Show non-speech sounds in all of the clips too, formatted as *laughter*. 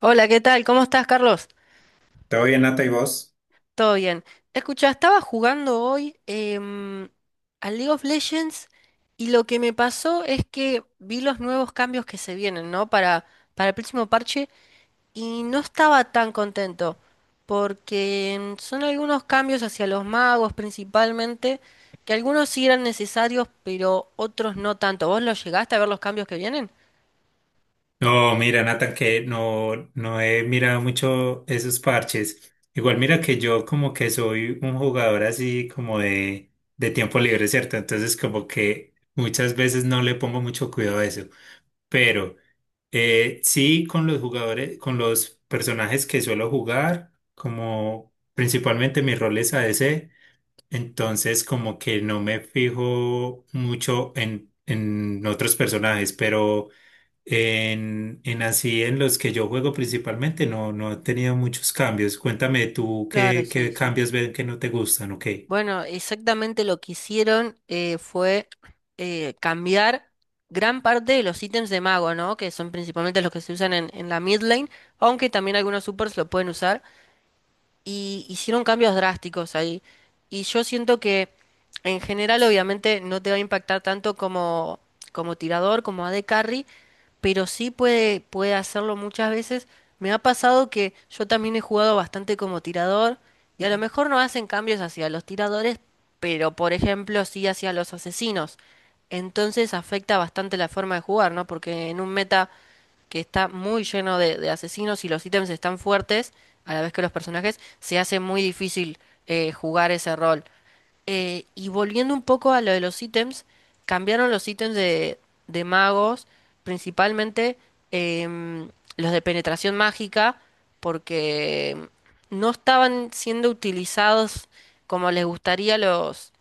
Hola, ¿qué tal? ¿Cómo estás, Carlos? ¿Todo bien, Nata y vos? Todo bien. Escucha, estaba jugando hoy al League of Legends y lo que me pasó es que vi los nuevos cambios que se vienen, ¿no? Para el próximo parche y no estaba tan contento porque son algunos cambios hacia los magos principalmente, que algunos sí eran necesarios, pero otros no tanto. ¿Vos los llegaste a ver los cambios que vienen? No, mira, Nathan, que no he mirado mucho esos parches. Igual mira que yo como que soy un jugador así como de tiempo libre, ¿cierto? Entonces como que muchas veces no le pongo mucho cuidado a eso. Pero sí con los jugadores, con los personajes que suelo jugar, como principalmente mi rol es ADC, entonces como que no me fijo mucho en otros personajes, pero. En así, en los que yo juego principalmente, no he tenido muchos cambios. Cuéntame tú Claro, qué, sí, qué sí. cambios ven que no te gustan o qué. Bueno, exactamente lo que hicieron fue cambiar gran parte de los ítems de mago, ¿no? Que son principalmente los que se usan en la mid lane, aunque también algunos supers lo pueden usar y hicieron cambios drásticos ahí. Y yo siento que en general obviamente no te va a impactar tanto como tirador, como AD Carry, pero sí puede hacerlo muchas veces. Me ha pasado que yo también he jugado bastante como tirador y a lo mejor no hacen cambios hacia los tiradores, pero por ejemplo sí hacia los asesinos. Entonces afecta bastante la forma de jugar, ¿no? Porque en un meta que está muy lleno de asesinos y los ítems están fuertes, a la vez que los personajes, se hace muy difícil jugar ese rol. Y volviendo un poco a lo de los ítems, cambiaron los ítems de magos, principalmente em, los de penetración mágica, porque no estaban siendo utilizados como les gustaría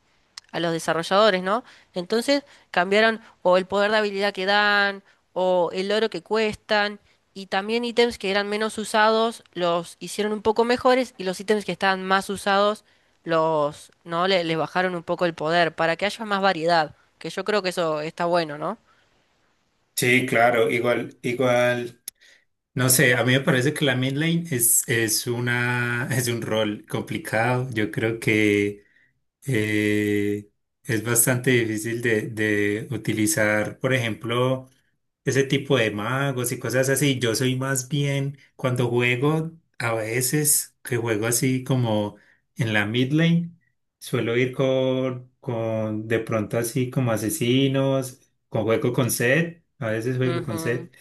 a los desarrolladores, ¿no? Entonces cambiaron o el poder de habilidad que dan, o el oro que cuestan, y también ítems que eran menos usados los hicieron un poco mejores, y los ítems que estaban más usados ¿no? Les bajaron un poco el poder, para que haya más variedad, que yo creo que eso está bueno, ¿no? Sí, claro, igual, igual. No sé, a mí me parece que la mid lane es una, es un rol complicado. Yo creo que eh, es bastante difícil de utilizar, por ejemplo. Ese tipo de magos y cosas así. Yo soy más bien cuando juego, a veces que juego así como en la mid lane, suelo ir con de pronto así como asesinos, con juego con Zed, a veces juego con Ujú, Zed,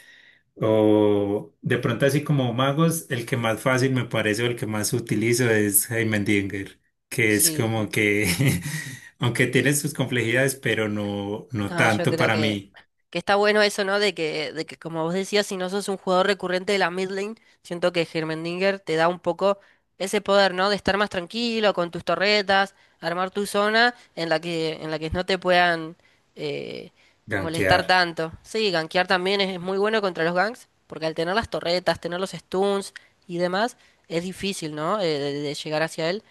o de pronto así como magos, el que más fácil me parece o el que más utilizo es Heimendinger, que es sí, sí. como que *laughs* aunque tiene sus complejidades, pero no No, yo tanto creo para mí que está bueno eso, ¿no? De que, como vos decías, si no sos un jugador recurrente de la mid lane, siento que Hermendinger te da un poco ese poder, ¿no? De estar más tranquilo con tus torretas, armar tu zona en la en la que no te puedan eh, molestar gankear. tanto. Sí, gankear también es muy bueno contra los ganks, porque al tener las torretas, tener los stuns y demás, es difícil, ¿no? De llegar hacia él.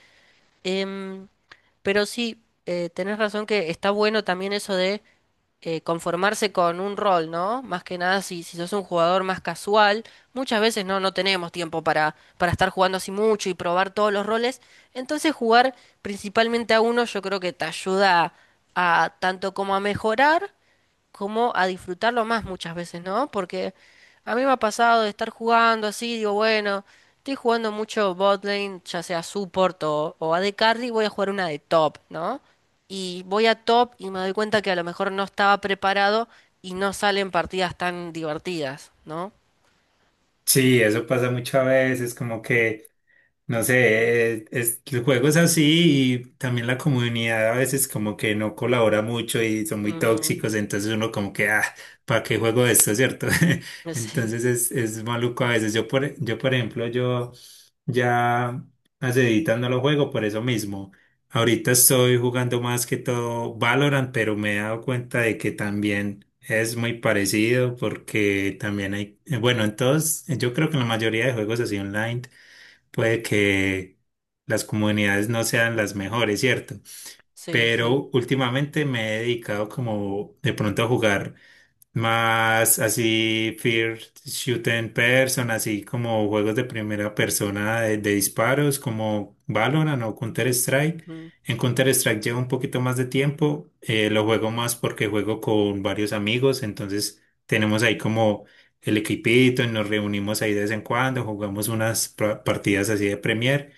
Em, pero sí, tenés razón que está bueno también eso de conformarse con un rol, ¿no? Más que nada si sos un jugador más casual, muchas veces no tenemos tiempo para estar jugando así mucho y probar todos los roles. Entonces jugar principalmente a uno yo creo que te ayuda a tanto como a mejorar como a disfrutarlo más muchas veces, ¿no? Porque a mí me ha pasado de estar jugando así, digo, bueno, estoy jugando mucho botlane, ya sea support o AD carry, voy a jugar una de top, ¿no? Y voy a top y me doy cuenta que a lo mejor no estaba preparado y no salen partidas tan divertidas, ¿no? Sí, eso pasa muchas veces, como que no sé, el juego es así y también la comunidad a veces como que no colabora mucho y son muy Ujú. tóxicos, entonces uno como que, ah, ¿para qué juego esto, cierto? *laughs* *laughs* Entonces es maluco a veces. Yo, por ejemplo, yo ya hace editando no lo juego por eso mismo. Ahorita estoy jugando más que todo Valorant, pero me he dado cuenta de que también es muy parecido porque también hay, bueno, entonces yo creo que la mayoría de juegos así online puede que las comunidades no sean las mejores, ¿cierto? Sí, sí, sí. Pero últimamente me he dedicado como de pronto a jugar. Más así, first shooting person, así como juegos de primera persona de disparos, como Valorant o Counter-Strike. Mm, En Counter-Strike llevo un poquito más de tiempo, lo juego más porque juego con varios amigos, entonces tenemos ahí como el equipito y nos reunimos ahí de vez en cuando, jugamos unas partidas así de Premier,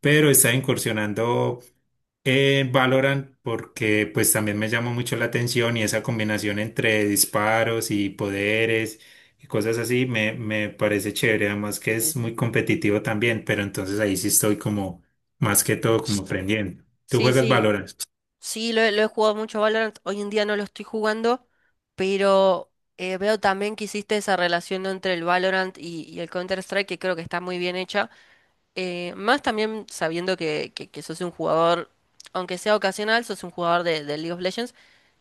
pero está incursionando. Valorant porque pues también me llama mucho la atención y esa combinación entre disparos y poderes y cosas así me, me parece chévere, además que sí, es sí. muy competitivo también, pero entonces ahí sí estoy como más que todo como aprendiendo. ¿Tú Sí, juegas sí. Valorant? Sí, lo he jugado mucho Valorant, hoy en día no lo estoy jugando, pero veo también que hiciste esa relación entre el Valorant y el Counter-Strike que creo que está muy bien hecha. Más también sabiendo que sos un jugador, aunque sea ocasional, sos un jugador de League of Legends,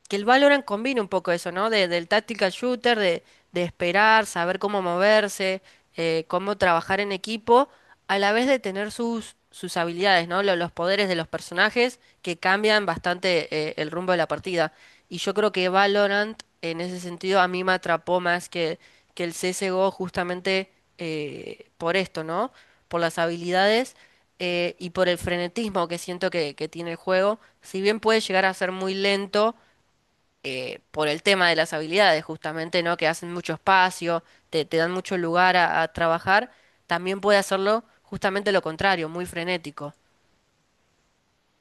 que el Valorant combina un poco eso, ¿no? Del tactical shooter, de esperar, saber cómo moverse, cómo trabajar en equipo, a la vez de tener sus habilidades, ¿no? Poderes de los personajes que cambian bastante el rumbo de la partida. Y yo creo que Valorant, en ese sentido, a mí me atrapó más que el CSGO justamente por esto, ¿no? Por las habilidades y por el frenetismo que siento que tiene el juego. Si bien puede llegar a ser muy lento por el tema de las habilidades, justamente, ¿no? Que hacen mucho espacio, te dan mucho lugar a trabajar, también puede hacerlo justamente lo contrario, muy frenético.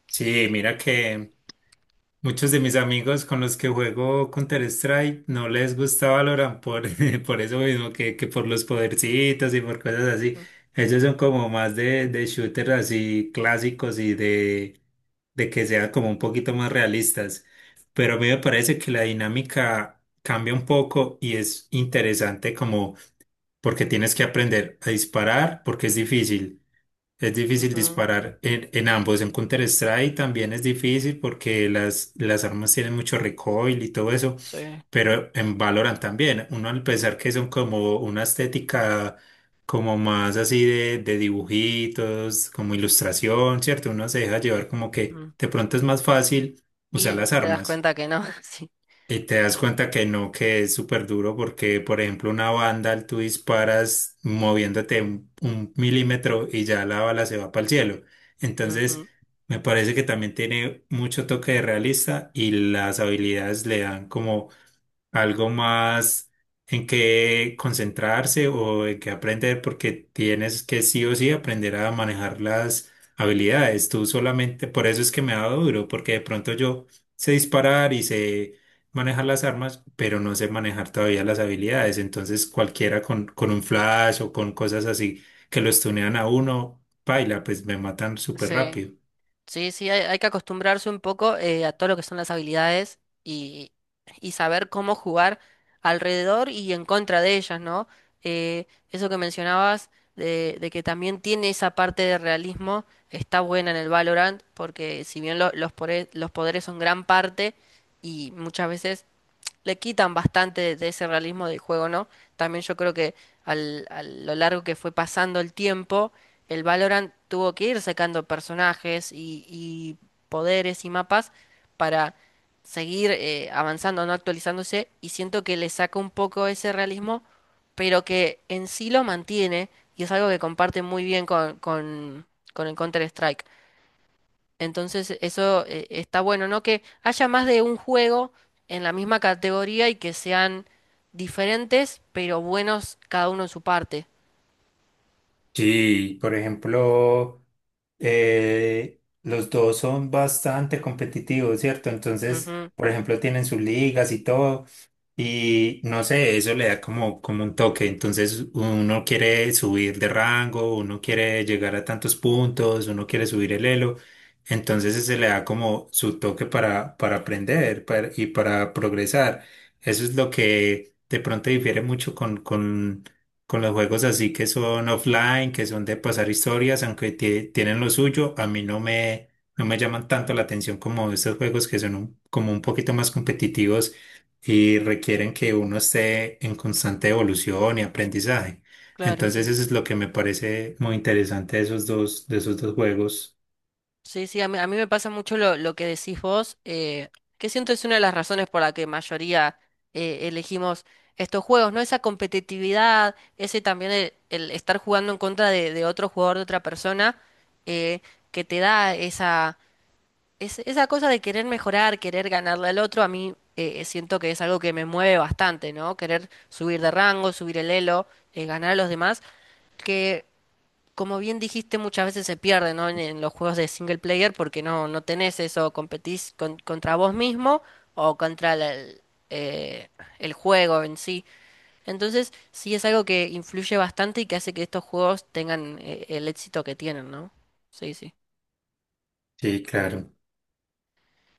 Sí, mira que muchos de mis amigos con los que juego Counter-Strike no les gusta Valorant por, *laughs* por eso mismo que, por los podercitos y por cosas así. Mm, Ellos son como más de shooters así clásicos y de que sea como un poquito más realistas. Pero a mí me parece que la dinámica cambia un poco y es interesante como porque tienes que aprender a disparar porque es difícil ujú, disparar en ambos. En Counter-Strike también es difícil porque las armas tienen mucho recoil y todo eso, sí. pero en Valorant también. Uno al pensar que son como una estética como más así de dibujitos, como ilustración, ¿cierto? Uno se deja llevar como que Mm. de pronto es más fácil usar Y las te das armas. cuenta que no, *laughs* sí. Y te das cuenta que no, que es súper duro porque, por ejemplo, una banda, tú disparas moviéndote un milímetro y ya la bala se va para el cielo. Entonces, Ujú, me parece que también tiene mucho toque de realista y las habilidades le dan como algo más en qué concentrarse o en qué aprender, porque tienes que sí o sí aprender a manejar las habilidades. Tú solamente, por eso es que me ha dado duro, porque de pronto yo sé disparar y sé manejar las armas, pero no sé manejar todavía las habilidades. Entonces cualquiera con un flash o con cosas así que lo stunean a uno, baila, pues me matan súper sí. rápido. Sí, sí, hay que acostumbrarse un poco a todo lo que son las habilidades y, y saber cómo jugar alrededor y en contra de ellas, ¿no? Eso que mencionabas de que también tiene esa parte de realismo, está buena en el Valorant, porque si bien los poderes son gran parte y muchas veces le quitan bastante de ese realismo del juego, ¿no? También yo creo que a lo largo que fue pasando el tiempo, el Valorant tuvo que ir sacando personajes y poderes y mapas para seguir avanzando, no actualizándose, y siento que le saca un poco ese realismo, pero que en sí lo mantiene, y es algo que comparte muy bien con el Counter-Strike. Entonces eso está bueno, ¿no? Que haya más de un juego en la misma categoría y que sean diferentes, pero buenos cada uno en su parte. Sí, por ejemplo, los dos son bastante competitivos, ¿cierto? Entonces, Ujú, por ejemplo, tienen sus ligas y todo. Y no sé, eso le da como, como un toque. Entonces uno quiere subir de rango, uno quiere llegar a tantos puntos, uno quiere subir el elo. Entonces se le da como su toque para aprender para- y para progresar. Eso es lo que de pronto difiere mucho con los juegos así que son offline, que son de pasar historias, aunque tienen lo suyo. A mí no me llaman tanto la atención como estos juegos que son como un poquito más competitivos y requieren que uno esté en constante evolución y aprendizaje. claro, Entonces sí. eso es lo que me parece muy interesante de esos dos juegos. Sí, sí, a mí me pasa mucho lo que decís vos, que siento es una de las razones por la que mayoría elegimos estos juegos, ¿no? Esa competitividad, ese también el estar jugando en contra de otro jugador, de otra persona, eh, que te da esa esa cosa de querer mejorar, querer ganarle al otro, a mí siento que es algo que me mueve bastante, ¿no? Querer subir de rango, subir el elo, ganar a los demás, que como bien dijiste muchas veces se pierde, ¿no? En los juegos de single player porque no tenés eso, competís contra vos mismo o contra eh, el juego en sí. Entonces sí es algo que influye bastante y que hace que estos juegos tengan el éxito que tienen, ¿no? Sí, sí. Sí, claro.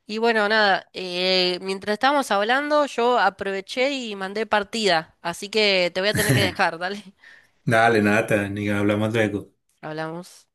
Y bueno, nada, mientras estábamos hablando, yo aproveché y mandé partida, así que te voy a tener que *laughs* dejar, dale. Dale, nada, ni hablamos luego. *laughs* Hablamos.